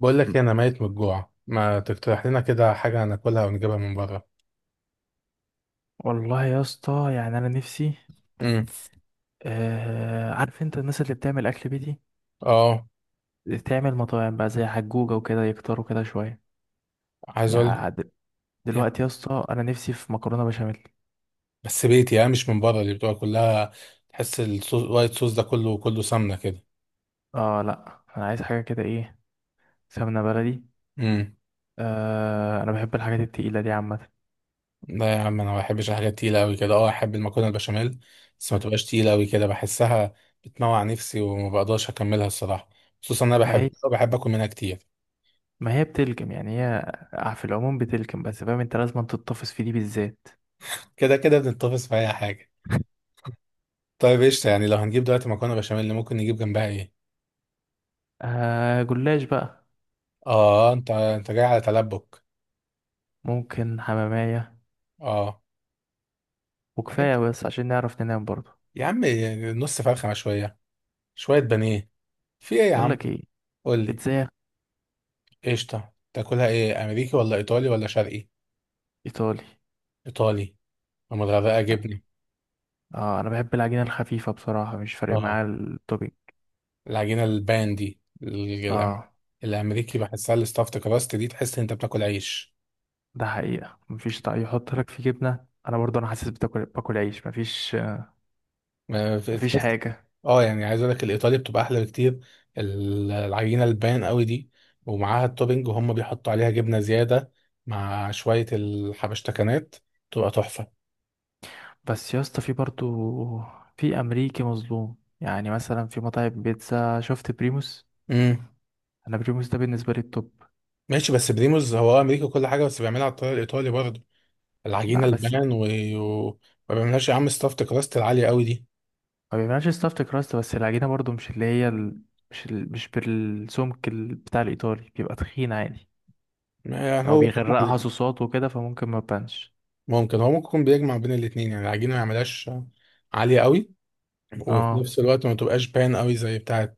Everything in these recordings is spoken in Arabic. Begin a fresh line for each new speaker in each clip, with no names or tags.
بقول لك إيه، انا ميت من الجوع. ما تقترح لنا كده حاجه ناكلها ونجيبها من بره؟
والله يا اسطى، يعني انا نفسي.
امم.
آه، عارف انت الناس اللي بتعمل اكل بيتي
اه.
تعمل مطاعم بقى زي حجوجة وكده يكتروا كده شوية.
عايز اقول لك
يعني
يعني.
دلوقتي يا اسطى انا نفسي في مكرونة بشاميل.
بس بيتي يعني، مش من بره اللي بتبقى كلها. تحس الصوص، الوايت صوص ده كله سمنه كده.
اه لا، انا عايز حاجة كده ايه، سمنة بلدي.
امم.
آه، انا بحب الحاجات التقيلة دي عامة.
لا يا عم، انا ما بحبش الحاجات تقيله قوي كده. اه، احب المكرونه البشاميل، بس ما تبقاش تقيله قوي كده. بحسها بتموع نفسي، وما بقدرش اكملها الصراحه. خصوصا انا
ما
بحب
هي
بحب اكل منها كتير.
ما هي بتلكم يعني هي في العموم بتلكم، بس فاهم انت لازم تتطفس في دي بالذات.
كده كده بنتفق في اي حاجه. طيب قشطه، يعني لو هنجيب دلوقتي مكرونه بشاميل، ممكن نجيب جنبها ايه؟
آه، جلاش بقى.
اه، انت جاي على تلبك.
ممكن حمامية،
اه. عارف؟
وكفاية بس عشان نعرف ننام برضه.
يا عم، نص فرخة، شوية شوية بانيه. في ايه يا
بقول
عم؟
لك ايه،
قول لي.
ازاي؟
قشطة، تاكلها ايه، امريكي ولا ايطالي ولا شرقي؟
ايطالي.
ايطالي، ومتغرقة جبنة.
اه، انا بحب العجينه الخفيفه بصراحه، مش فارق
اه،
معايا التوبينج.
العجينة البان دي،
اه،
الامريكي بحسها الستافت كراست دي، تحس إن انت بتاكل عيش.
ده حقيقه مفيش طعم يحط لك فيه جبنه، انا برضو انا حاسس بتاكل باكل عيش، مفيش مفيش
تحس.
حاجه.
اه يعني، عايز اقول لك الايطالي بتبقى احلى بكتير، العجينه البان قوي دي، ومعاها التوبينج، وهم بيحطوا عليها جبنه زياده مع شويه الحبشتكنات، تبقى تحفه.
بس يا اسطى في برضو في امريكي مظلوم، يعني مثلا في مطاعم بيتزا شفت بريموس.
امم.
انا بريموس ده بالنسبه لي التوب.
ماشي، بس بريموز هو امريكي وكل حاجه، بس بيعملها على الطريقه الايطالي برضه. العجينه
لا بس
البان و... ما بيعملهاش يا عم ستافت كراست العاليه قوي دي.
ما بيعملش ستافت كراست، بس العجينه برضو مش اللي هي مش بالسمك بتاع الايطالي، بيبقى تخين عادي.
ما يعني
او
هو جمع
بيغرقها
ال-
صوصات وكده فممكن ما تبانش.
ممكن هو، ممكن يكون بيجمع بين الاثنين. يعني العجينه ما يعملهاش عاليه قوي، وفي
اه.
نفس الوقت ما تبقاش بان قوي زي بتاعه،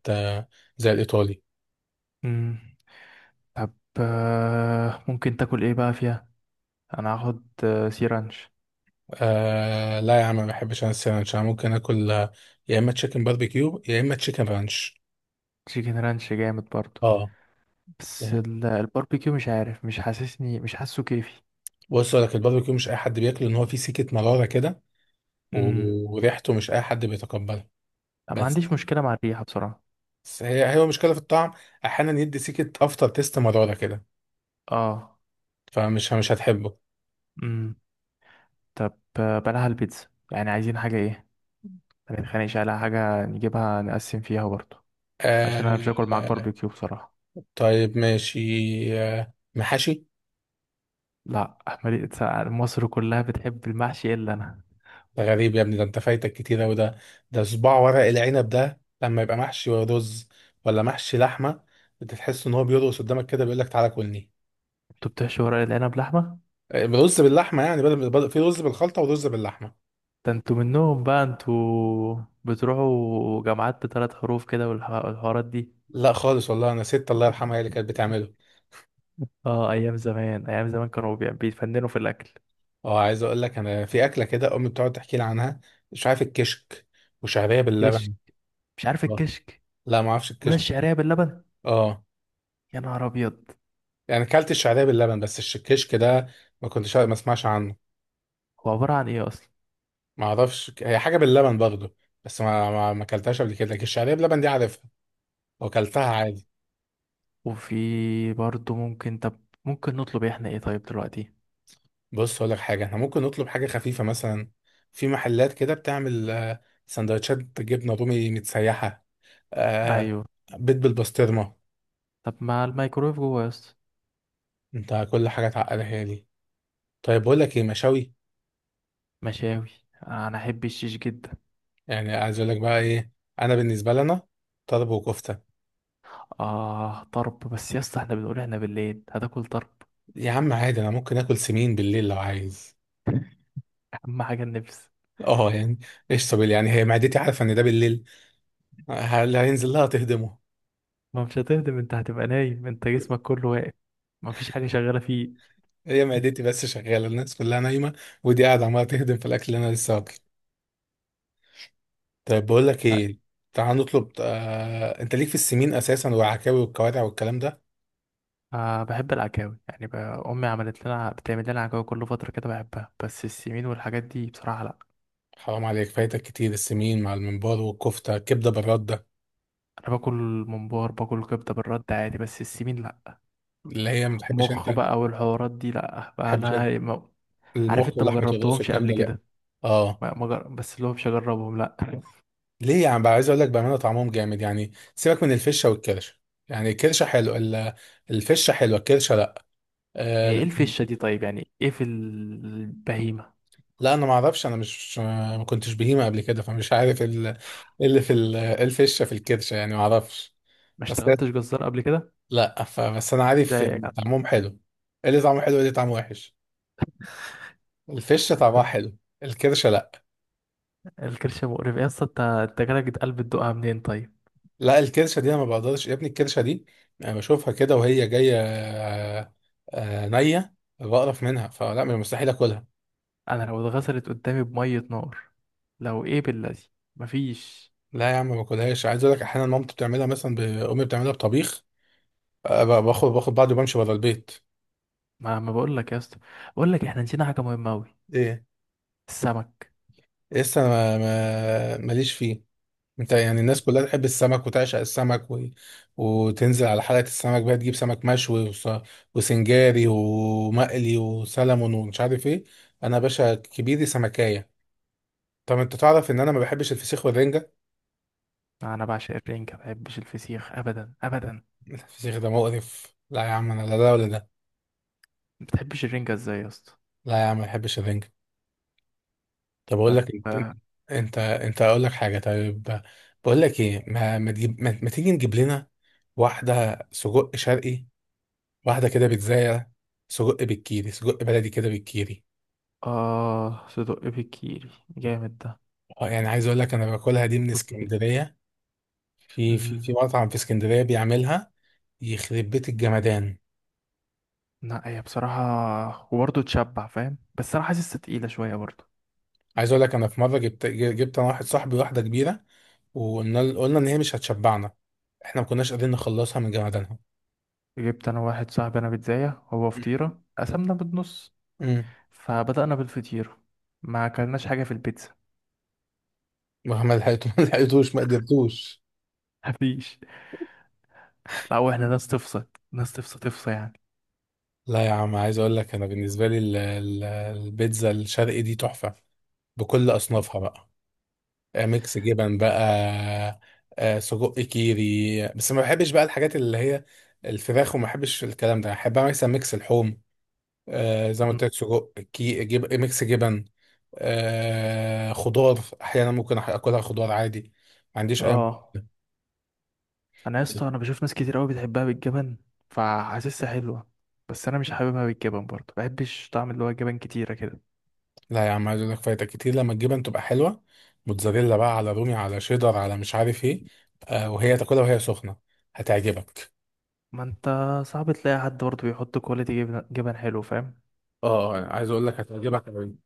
زي الايطالي.
مم. طب، آه، ممكن تاكل ايه بقى فيها؟ انا هاخد سي رانش.
آه لا يا عم، ما بحبش انا الساندوتش. انا ممكن اكل، يا اما تشيكن باربيكيو يا اما تشيكن رانش.
تشيكن رانش جامد برضو،
اه
بس
يعني،
الباربيكيو مش عارف، مش حاسسني، مش حاسه كيفي.
بص اقول لك الباربيكيو، مش اي حد بياكله، ان هو فيه سكه مراره كده،
امم
وريحته مش اي حد بيتقبلها.
ما
بس
عنديش مشكلة مع الريحة بصراحة.
بس هي مشكله في الطعم. احيانا يدي سكه افتر تيست مراره كده،
اه.
فمش مش هتحبه.
امم طب، بلاها البيتزا، يعني عايزين حاجة ايه؟ ما نتخانقش على حاجة، نجيبها نقسم فيها برضو، عشان انا مش هاكل معاك
آه.
باربيكيو بصراحة.
طيب ماشي، آه محاشي.
لا، مالي- مصر كلها بتحب المحشي الا انا.
ده غريب يا ابني، ده انت فايتك كتير اوي ده. ده صباع ورق العنب ده، لما يبقى محشي رز ولا محشي لحمه، انت تحس ان هو بيرقص قدامك كده، بيقول لك تعالى كلني.
انتوا بتحشوا ورق العنب لحمة؟
رز باللحمه يعني، في رز بالخلطه ورز باللحمه.
ده انتوا منهم بقى، انتوا بتروحوا جامعات بثلاث حروف كده والحوارات دي.
لا خالص والله، انا ست الله يرحمها هي اللي كانت بتعمله.
اه، ايام زمان ايام زمان كانوا بيتفننوا في الاكل.
اه، عايز اقول لك انا في اكله كده امي بتقعد تحكي لي عنها، مش عارف الكشك، وشعريه
كشك،
باللبن.
مش عارف
آه.
الكشك.
لا ما اعرفش
ولا
الكشك ده.
الشعريه باللبن،
اه
يا نهار ابيض.
يعني، كلت الشعريه باللبن، بس الكشك ده ما كنتش ما اسمعش عنه.
هو عباره عن ايه اصلا؟
ما اعرفش، هي حاجه باللبن برضه، بس ما اكلتهاش قبل كده، لكن الشعريه بلبن دي عارفها واكلتها عادي.
وفي برضه ممكن، طب ممكن نطلب احنا ايه طيب دلوقتي؟
بص اقول لك حاجه، احنا ممكن نطلب حاجه خفيفه مثلا. في محلات كده بتعمل، سندوتشات جبنه رومي متسيحه، آه،
ايوه.
بيض بالبسطرمه.
طب ما الميكرويف جوه يا اسطى.
انت كل حاجه تعقلها دي. طيب بقول لك ايه، مشاوي.
مشاوي. انا احب الشيش جدا.
يعني عايز اقول لك بقى ايه، انا بالنسبه لنا طرب وكفته.
اه طرب، بس يا اسطى احنا بنقول احنا بالليل هتاكل طرب؟
يا عم عادي، انا ممكن اكل سمين بالليل لو عايز.
اهم حاجه النفس.
اه يعني، ايش طب يعني، هي معدتي عارفه ان ده بالليل اللي هينزل لها تهدمه؟
ما مش هتهدم، انت هتبقى نايم، انت جسمك كله واقف، ما فيش حاجة شغالة فيه.
هي معدتي بس شغاله، الناس كلها نايمه، ودي قاعده عماله تهدم في الاكل اللي انا لسه واكله. طيب بقول لك ايه، تعال نطلب، انت ليك في السمين اساسا، والعكاوي والكوارع والكلام ده.
أه، بحب العكاوي، يعني أمي عملت لنا، بتعمل لنا عكاوي كل فترة كده بحبها، بس السمين والحاجات دي بصراحة لأ.
حرام عليك فايتك كتير، السمين مع الممبار والكفته، الكبده بالرده.
أنا باكل، ممبار باكل كبدة بالرد عادي، بس السمين لأ.
اللي هي ما بتحبش انت
مخ
ما
بقى والحوارات دي لأ بقى،
بتحبش انت
أنا ما... عارف
المخ
أنت ما
ولحمه الراس
جربتهمش
والكلام
قبل
ده لا.
كده.
اه
ما... ما جر... بس اللي هو مش هجربهم لأ.
ليه يعني بقى، عايز اقول لك بامانه طعمهم جامد، يعني سيبك من الفشه والكرشه، يعني الكرشه حلو، الفشه حلوه، الكرشه لا.
إيه
آه.
الفشة دي طيب، يعني إيه في البهيمة؟
لا انا ما اعرفش، انا مش ما كنتش بهيمه قبل كده، فمش عارف ال- إيه اللي في ال- إيه الفشه في الكرشه يعني، ما اعرفش.
ما
بس هي-
اشتغلتش جزار قبل كده
لا فبس انا عارف
زيك؟
يعني طعمهم حلو. إيه اللي طعمه حلو، إيه اللي طعمه وحش؟ الفشه طعمها حلو، الكرشه لا.
الكرش مقرف يا اسطى، انت انت جالك قلب تدوقها منين طيب؟
لا الكرشه دي انا ما بقدرش يا ابني، الكرشه دي انا بشوفها كده وهي جايه، نيه، بقرف منها، فلا، من المستحيل اكلها.
انا لو اتغسلت قدامي بميه نار، لو ايه بالذي، مفيش.
لا يا عم، ما باكلهاش. عايز اقول لك احيانا مامتي بتعملها مثلا، امي بتعملها بطبيخ، باخد بعضي وبمشي بره البيت.
ما بقول لك يا اسطى، بقول لك احنا نسينا حاجه مهمه قوي.
ايه؟
السمك.
لسه ماليش فيه. انت يعني الناس كلها تحب السمك وتعشق السمك وتنزل على حلقة السمك بقى، تجيب سمك مشوي وسنجاري ومقلي وسلمون ومش عارف ايه. انا يا باشا كبيري سمكاية. طب انت تعرف ان انا ما بحبش الفسيخ والرنجة.
انا بعشق الرنجه، ما بحبش الفسيخ ابدا ابدا.
الفسيخ ده مقرف، لا يا عم، انا لا ده ولا ده.
ما بتحبش الرنجه ازاي يا اسطى؟
لا يا عم ما بحبش الرنجة. طب اقول
طب،
لك انت،
اه،
انت اقول لك حاجة طيب. بقول لك ايه، ما ما, تجيب... ما... ما تيجي نجيب لنا واحدة سجق شرقي، واحدة كده بيتزاية. سجق بالكيري، سجق بلدي كده بالكيري.
آه، صدق بالكيري، جامد ده.
يعني عايز اقول لك انا باكلها دي من
كنت.
اسكندرية. في
امم
مطعم في اسكندرية بيعملها، يخرب بيت الجمدان.
لا هي بصراحه وبرضه تشبع فاهم، بس انا حاسسها تقيله شويه برضه.
عايز اقول لك، انا في مرة جبت انا واحد صاحبي واحدة كبيرة، وقلنا ان هي مش هتشبعنا. احنا ما كناش قادرين نخلصها من جمدانها.
جبت انا واحد صاحبي انا بيتزاية، هو فطيرة، قسمنا بالنص،
امم.
فبدأنا بالفطيرة، ما اكلناش حاجة في البيتزا.
ما لحقتوش ما لحقتوش ما قدرتوش.
مفيش. لا، واحنا ناس تفصل، ناس تفصل تفصل يعني.
لا يا عم، عايز اقول لك انا بالنسبة لي البيتزا الشرقي دي تحفة، بكل اصنافها بقى. ميكس جبن بقى، سجق كيري. بس ما بحبش بقى الحاجات اللي هي الفراخ، وما بحبش الكلام ده، بحب اعمل مثلا ميكس اللحوم، زي ما
م-
قلت لك سجق كي، جيب ميكس جبن، خضار. احيانا ممكن اكلها خضار عادي، ما عنديش اي مشكلة.
اه، انا يا اسطى انا بشوف ناس كتير قوي بتحبها بالجبن، فحاسسها حلوة، بس انا مش حاببها بالجبن برضه، بحبش طعم اللي هو جبن كتيرة كده.
لا يا عم، عايز اقول لك فايتك كتير لما الجبن تبقى حلوه، موتزاريلا بقى، على رومي على شيدر على مش عارف ايه، وهي تاكلها وهي سخنه، هتعجبك.
ما انت صعب تلاقي حد برضه بيحط كواليتي جبن، جبن حلو فاهم.
اه عايز اقول لك هتعجبك أوي.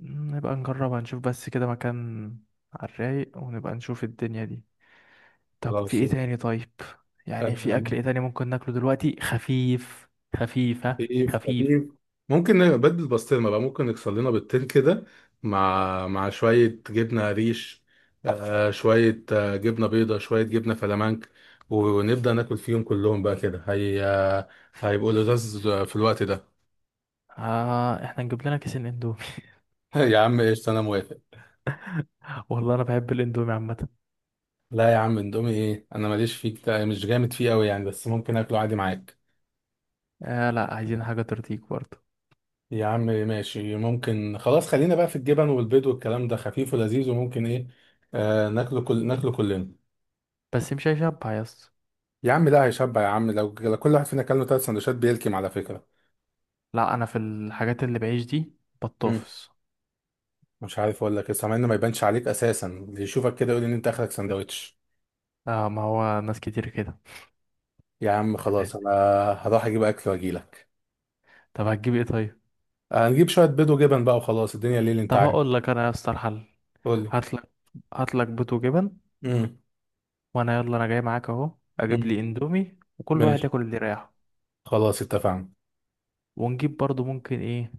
م، نبقى نجربها نشوف، بس كده مكان على الرايق، ونبقى نشوف الدنيا دي. طب في
خلاص.
ايه تاني طيب؟ يعني في
آه،
اكل ايه تاني ممكن ناكله دلوقتي خفيف؟ خفيف ها
خفيف.
خفيف
خفيف، ممكن نبدل بسطرمة بقى، ممكن نكسر لنا بيضتين كده، مع شوية جبنة ريش، آه شوية آه جبنة بيضة، شوية جبنة فلامنك، ونبدأ ناكل فيهم كلهم بقى كده، هي، هيبقوا لذاذ في الوقت ده.
آه، احنا نجيب لنا كيسين اندومي.
يا عم ايش، انا موافق.
والله انا بحب الاندومي عامه.
لا يا عم اندومي ايه، انا ماليش فيه كتير، مش جامد فيه قوي يعني، بس ممكن اكله عادي معاك.
آه لا، عايزين حاجه ترضيك برضه.
يا عم ماشي ممكن، خلاص خلينا بقى في الجبن والبيض والكلام ده، خفيف ولذيذ، وممكن ايه، آه، ناكله كلنا.
بس مش هيشبع يا اسطى.
يا عم ده هيشبع يا عم، لو كل واحد فينا كان له ثلاث سندوتشات بيلكم على فكره.
لا انا في الحاجات اللي بعيش دي
مم.
بطوفس.
مش عارف اقول لك لسه، مع انه ما يبانش عليك اساسا، اللي يشوفك كده يقول ان انت اخرك سندوتش.
آه، ما هو ناس كتير كده.
يا عم خلاص، انا هروح اجيب اكل واجيلك.
طب هتجيب ايه طيب؟
هنجيب شويه بيض وجبن بقى وخلاص، الدنيا ليل انت
طب
عارف.
هقول لك انا يا اسطى الحل.
قول لي.
هات لك هات لك بيض وجبن،
مم.
وانا يلا انا جاي معاك اهو، اجيب
مم.
لي اندومي، وكل واحد
ماشي
ياكل اللي رايحه.
خلاص اتفقنا.
ونجيب برضه ممكن ايه،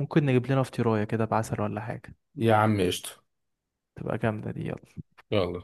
ممكن نجيب لنا فطيرايه كده بعسل ولا حاجه،
يا عم قشطه،
تبقى جامده دي. يلا.
يلا.